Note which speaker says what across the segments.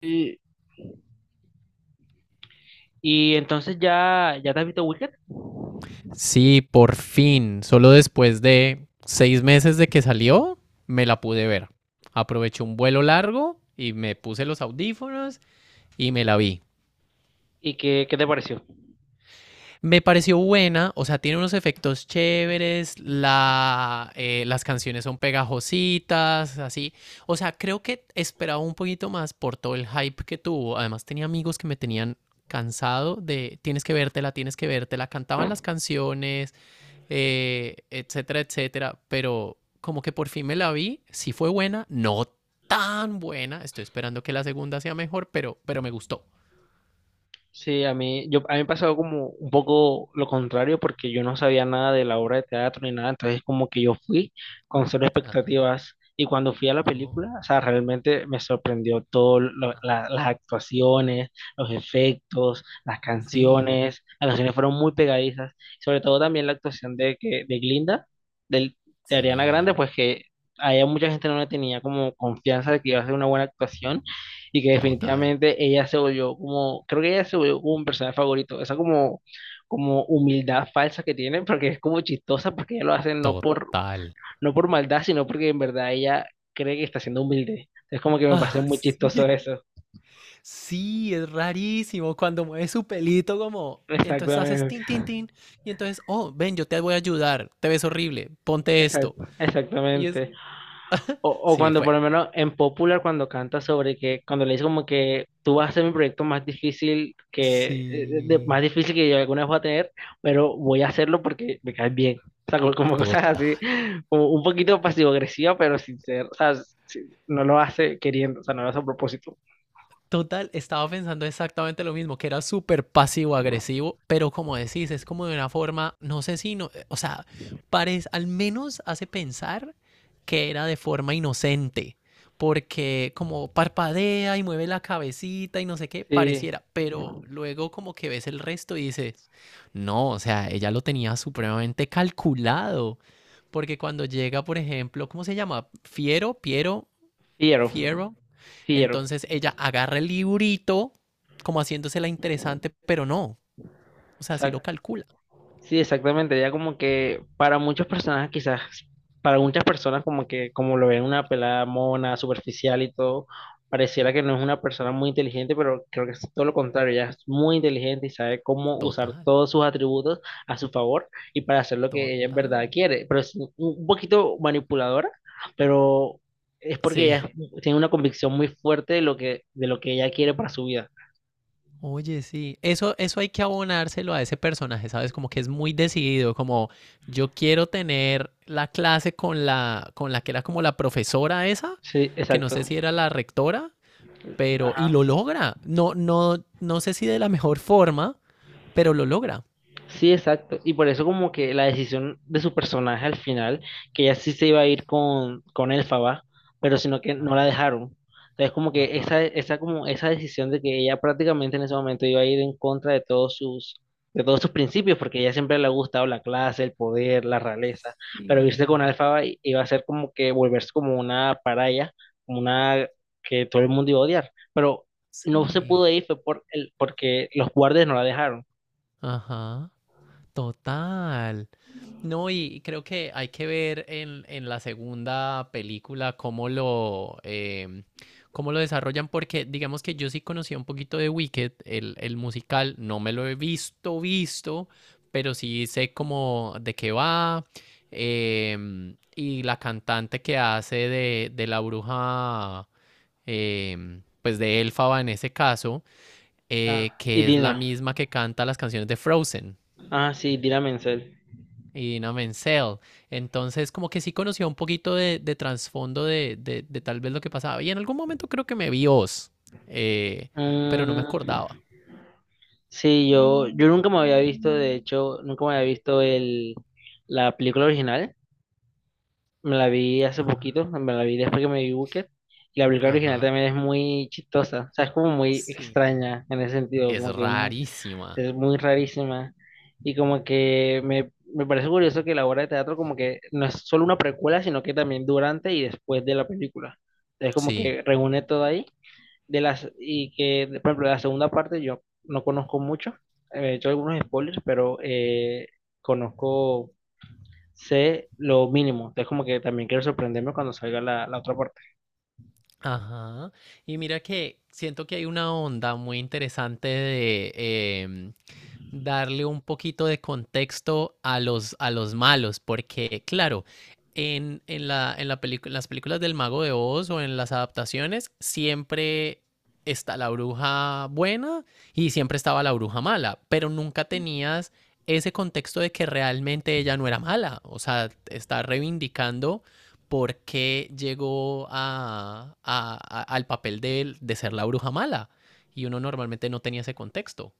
Speaker 1: Y, y entonces ya te has visto Wicked.
Speaker 2: Sí, por fin, solo después de 6 meses de que salió, me la pude ver. Aproveché un vuelo largo y me puse los audífonos y me la vi.
Speaker 1: ¿Y qué te pareció?
Speaker 2: Me pareció buena, o sea, tiene unos efectos chéveres, las canciones son pegajositas, así. O sea, creo que esperaba un poquito más por todo el hype que tuvo. Además, tenía amigos que me tenían cansado de tienes que vértela, tienes que vértela. Cantaban las canciones, etcétera, etcétera. Pero como que por fin me la vi, sí fue buena, no tan buena. Estoy esperando que la segunda sea mejor, pero me gustó.
Speaker 1: Sí, a mí, a mí me pasó como un poco lo contrario porque yo no sabía nada de la obra de teatro ni nada, entonces como que yo fui con cero
Speaker 2: Ajá.
Speaker 1: expectativas y cuando fui a la
Speaker 2: Oh,
Speaker 1: película, o sea, realmente me sorprendió todo,
Speaker 2: ah.
Speaker 1: las actuaciones, los efectos,
Speaker 2: Sí,
Speaker 1: las canciones fueron muy pegadizas, sobre todo también la actuación de, que, de Glinda, del, de Ariana Grande,
Speaker 2: sí.
Speaker 1: pues que a ella mucha gente no le tenía como confianza de que iba a hacer una buena actuación y que
Speaker 2: Total,
Speaker 1: definitivamente ella se volvió como, creo que ella se volvió como un personaje favorito, esa como, como humildad falsa que tiene, porque es como chistosa, porque ella lo hace
Speaker 2: total.
Speaker 1: no por maldad, sino porque en verdad ella cree que está siendo humilde. Es como que me parece
Speaker 2: Ah,
Speaker 1: muy chistoso
Speaker 2: sí,
Speaker 1: eso.
Speaker 2: sí, es rarísimo cuando mueve su pelito como. Entonces haces
Speaker 1: Exactamente,
Speaker 2: tin, tin, tin. Y entonces, oh, ven, yo te voy a ayudar. Te ves horrible. Ponte esto. Y es.
Speaker 1: exactamente. O
Speaker 2: Sí,
Speaker 1: cuando por
Speaker 2: fue.
Speaker 1: lo menos en Popular, cuando canta sobre que, cuando le dice como que tú vas a hacer mi proyecto más difícil que, más
Speaker 2: Sí,
Speaker 1: difícil que yo alguna vez voy a tener, pero voy a hacerlo porque me caes bien. O sea, como, como cosas
Speaker 2: total.
Speaker 1: así, como un poquito pasivo-agresiva, pero sincero. O sea, sí, no lo hace queriendo, o sea, no lo hace a propósito.
Speaker 2: Total, estaba pensando exactamente lo mismo, que era súper pasivo-agresivo, pero como decís, es como de una forma, no sé si, no, o sea, parece, al menos hace pensar que era de forma inocente, porque como parpadea y mueve la cabecita y no sé qué,
Speaker 1: Sí,
Speaker 2: pareciera, pero luego como que ves el resto y dices, no, o sea, ella lo tenía supremamente calculado, porque cuando llega, por ejemplo, ¿cómo se llama? Fiero, Piero,
Speaker 1: fiero,
Speaker 2: Fierro.
Speaker 1: fiero.
Speaker 2: Entonces ella agarra el librito, como haciéndose la interesante, pero no. O sea, sí lo calcula.
Speaker 1: Sí, exactamente. Ya como que para muchas personas quizás, para muchas personas como que como lo ven una pelada mona, superficial y todo, pareciera que no es una persona muy inteligente, pero creo que es todo lo contrario. Ella es muy inteligente y sabe cómo usar
Speaker 2: Total,
Speaker 1: todos sus atributos a su favor y para hacer lo que ella en verdad
Speaker 2: total.
Speaker 1: quiere. Pero es un poquito manipuladora, pero es porque
Speaker 2: Sí.
Speaker 1: tiene una convicción muy fuerte de lo que ella quiere para su vida.
Speaker 2: Oye, sí. Eso hay que abonárselo a ese personaje, ¿sabes? Como que es muy decidido, como yo quiero tener la clase con la que era como la profesora esa,
Speaker 1: Sí,
Speaker 2: que no sé
Speaker 1: exacto.
Speaker 2: si era la rectora, y lo logra. No, no, no sé si de la mejor forma, pero lo logra.
Speaker 1: Sí, exacto. Y por eso como que la decisión de su personaje al final, que ella sí se iba a ir con Elphaba, pero sino que no la
Speaker 2: Ajá,
Speaker 1: dejaron. Entonces como que
Speaker 2: ajá.
Speaker 1: esa, como esa decisión de que ella prácticamente en ese momento iba a ir en contra de todos sus principios, porque a ella siempre le ha gustado la clase, el poder, la realeza, pero irse con
Speaker 2: Sí.
Speaker 1: Elphaba iba a ser como que volverse como una paraya, como una que todo el mundo iba a odiar. Pero no se
Speaker 2: Sí,
Speaker 1: pudo ir fue por porque los guardias no la dejaron.
Speaker 2: ajá, total. No, y creo que hay que ver en la segunda película cómo lo desarrollan, porque digamos que yo sí conocía un poquito de Wicked, el musical, no me lo he visto, visto, pero sí sé cómo de qué va. Y la cantante que hace de la bruja, pues de Elfaba en ese caso,
Speaker 1: Ah, y
Speaker 2: que es la
Speaker 1: Dina.
Speaker 2: misma que canta las canciones de Frozen
Speaker 1: Ah, sí, Dina Menzel.
Speaker 2: y Dina Menzel. Entonces, como que sí conocía un poquito de trasfondo de tal vez lo que pasaba. Y en algún momento creo que me vi Oz, eh, pero no me
Speaker 1: Ah,
Speaker 2: acordaba.
Speaker 1: sí, yo nunca me había visto, de hecho, nunca me había visto la película original. Me la vi hace poquito, me la vi después que me vi Booker. Y la película original
Speaker 2: Ajá,
Speaker 1: también es muy chistosa, o sea, es como muy
Speaker 2: sí.
Speaker 1: extraña en ese sentido,
Speaker 2: Es rarísima.
Speaker 1: es muy rarísima. Y como que me parece curioso que la obra de teatro como que no es solo una precuela, sino que también durante y después de la película. Es como
Speaker 2: Sí.
Speaker 1: que reúne todo ahí. De las, y que, por ejemplo, la segunda parte yo no conozco mucho, he hecho algunos spoilers, pero conozco, sé lo mínimo, es como que también quiero sorprenderme cuando salga la, la otra parte.
Speaker 2: Ajá. Y mira que siento que hay una onda muy interesante de em, darle un poquito de contexto a los malos, porque claro, las películas del Mago de Oz o en las adaptaciones siempre está la bruja buena y siempre estaba la bruja mala, pero nunca tenías ese contexto de que realmente ella no era mala, o sea, está reivindicando por qué llegó al papel de ser la bruja mala. Y uno normalmente no tenía ese contexto.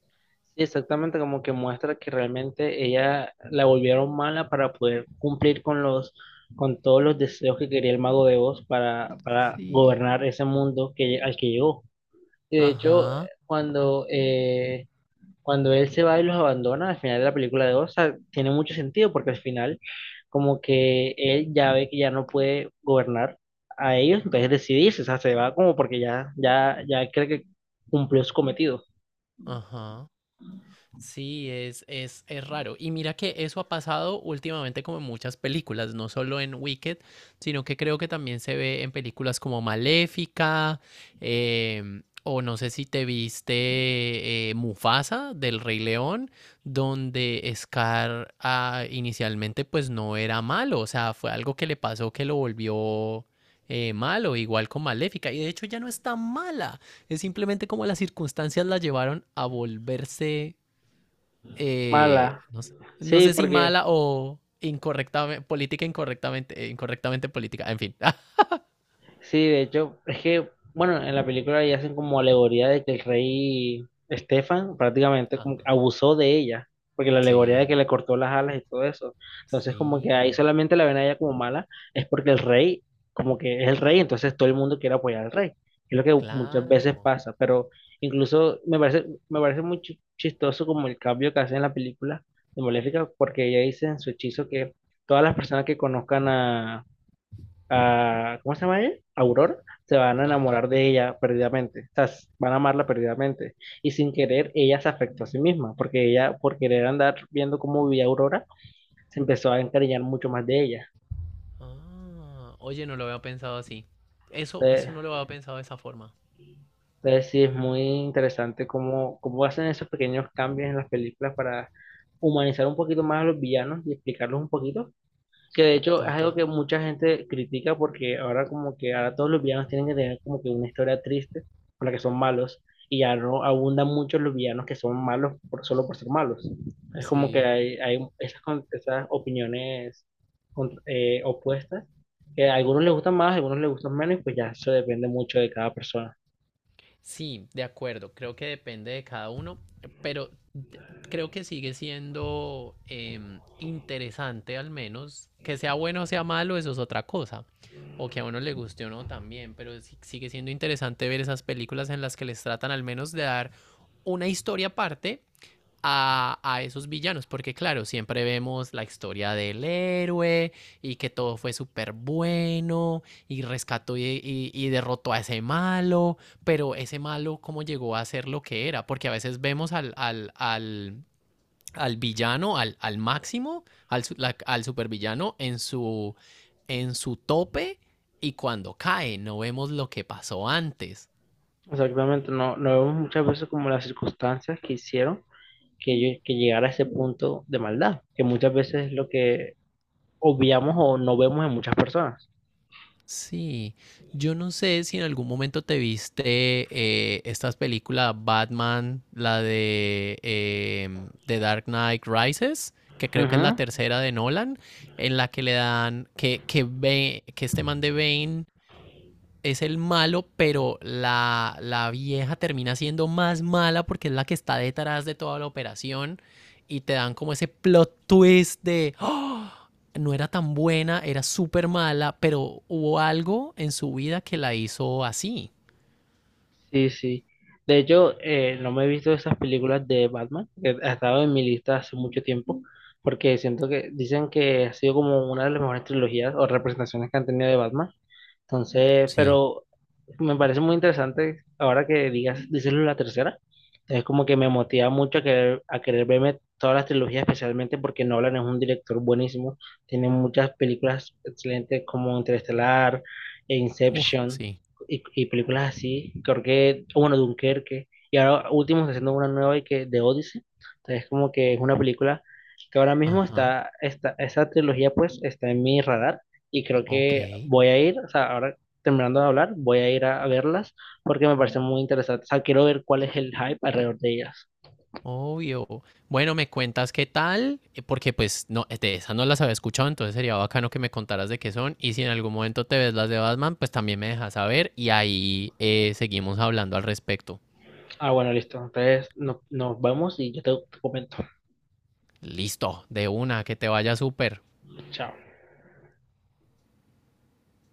Speaker 1: Sí, exactamente, como que muestra que realmente ella la volvieron mala para poder cumplir con los, con todos los deseos que quería el mago de Oz para
Speaker 2: Sí.
Speaker 1: gobernar ese mundo que, al que llegó. Y de hecho,
Speaker 2: Ajá,
Speaker 1: cuando eh, cuando él se va y los abandona al final de la película de Osa, tiene mucho sentido porque al final como que él ya ve que ya no puede gobernar a ellos, entonces decidirse, o sea, se va como porque ya, ya, ya cree que cumplió su cometido.
Speaker 2: ajá. Sí, es raro. Y mira que eso ha pasado últimamente como en muchas películas, no solo en Wicked, sino que creo que también se ve en películas como Maléfica, o no sé si te viste, Mufasa del Rey León, donde Scar, inicialmente pues no era malo, o sea, fue algo que le pasó que lo volvió, malo, igual con Maléfica, y de hecho ya no es tan mala. Es simplemente como las circunstancias la llevaron a volverse,
Speaker 1: Mala.
Speaker 2: no sé, no
Speaker 1: Sí,
Speaker 2: sé si
Speaker 1: porque
Speaker 2: mala o incorrectamente, política incorrectamente, incorrectamente política, en fin.
Speaker 1: sí, de hecho, es que, bueno, en la película ya hacen como alegoría de que el rey Estefan prácticamente como que
Speaker 2: Ajá.
Speaker 1: abusó de ella, porque la alegoría de que
Speaker 2: Sí,
Speaker 1: le cortó las alas y todo eso. Entonces, como que ahí
Speaker 2: sí,
Speaker 1: solamente la ven a ella como mala, es porque como que es el rey, entonces todo el mundo quiere apoyar al rey. Es lo que muchas veces
Speaker 2: claro.
Speaker 1: pasa, pero incluso me parece muy chistoso como el cambio que hace en la película de Maléfica, porque ella dice en su hechizo que todas las personas que conozcan a ¿cómo se llama ella? Aurora, se van a
Speaker 2: Ajá.
Speaker 1: enamorar de ella perdidamente, o sea, van a amarla perdidamente. Y sin querer, ella se afectó a sí misma, porque ella, por querer andar viendo cómo vivía Aurora, se empezó a encariñar mucho más de ella.
Speaker 2: Ah, oye, no lo había pensado así. Eso,
Speaker 1: Entonces,
Speaker 2: eso no lo había pensado de esa forma.
Speaker 1: entonces sí, es muy interesante cómo, cómo hacen esos pequeños cambios en las películas para humanizar un poquito más a los villanos y explicarlos un poquito. Que de hecho es algo
Speaker 2: Total.
Speaker 1: que mucha gente critica porque ahora como que ahora todos los villanos tienen que tener como que una historia triste por la que son malos y ya no abundan mucho los villanos que son malos por, solo por ser malos. Es como que
Speaker 2: Sí.
Speaker 1: hay esas, esas opiniones opuestas que a algunos les gustan más, a algunos les gustan menos y pues ya eso depende mucho de cada persona.
Speaker 2: Sí, de acuerdo, creo que depende de cada uno, pero d- creo que sigue siendo, interesante al menos, que sea bueno o sea malo, eso es otra cosa, o que a uno le guste o no también, sigue siendo interesante ver esas películas en las que les tratan al menos de dar una historia aparte a esos villanos, porque claro, siempre vemos la historia del héroe y que todo fue súper bueno y rescató y derrotó a ese malo, pero ese malo cómo llegó a ser lo que era, porque a veces vemos al villano, al máximo, al supervillano en su tope y cuando cae, no vemos lo que pasó antes.
Speaker 1: O sea, obviamente no, no vemos muchas veces como las circunstancias que hicieron que llegara a ese punto de maldad, que muchas veces es lo que obviamos o no vemos en muchas personas.
Speaker 2: Sí, yo no sé si en algún momento te viste, estas películas Batman, la de, The Dark Knight Rises, que creo que es la
Speaker 1: Ujú,
Speaker 2: tercera de Nolan, en la que le dan, que este man de Bane es el malo, pero la vieja termina siendo más mala porque es la que está detrás de toda la operación y te dan como ese plot twist de, "Oh, no era tan buena, era súper mala, pero hubo algo en su vida que la hizo así."
Speaker 1: sí, sí. De hecho, no me he visto esas películas de Batman, que ha estado en mi lista hace mucho tiempo, porque siento que dicen que ha sido como una de las mejores trilogías o representaciones que han tenido de Batman. Entonces,
Speaker 2: Sí.
Speaker 1: pero me parece muy interesante ahora que dices la tercera. Es como que me motiva mucho a querer verme todas las trilogías, especialmente porque Nolan es un director buenísimo. Tiene muchas películas excelentes como Interestelar, e
Speaker 2: Uf,
Speaker 1: Inception
Speaker 2: sí.
Speaker 1: y películas así. Creo que, bueno, Dunkerque. Y ahora último está haciendo una nueva y que de Odyssey. Entonces, como que es una película que ahora mismo
Speaker 2: Ajá.
Speaker 1: está, esa trilogía pues está en mi radar y creo
Speaker 2: Ok.
Speaker 1: que voy a ir, o sea, ahora terminando de hablar, voy a ir a verlas porque me parecen muy interesantes. O sea, quiero ver cuál es el hype alrededor de ellas.
Speaker 2: Obvio. Bueno, me cuentas qué tal, porque pues no, de esas no las había escuchado, entonces sería bacano que me contaras de qué son. Y si en algún momento te ves las de Batman, pues también me dejas saber y ahí, seguimos hablando al respecto.
Speaker 1: Ah, bueno, listo. Entonces nos vemos y yo te comento.
Speaker 2: Listo, de una, que te vaya súper.
Speaker 1: Chao.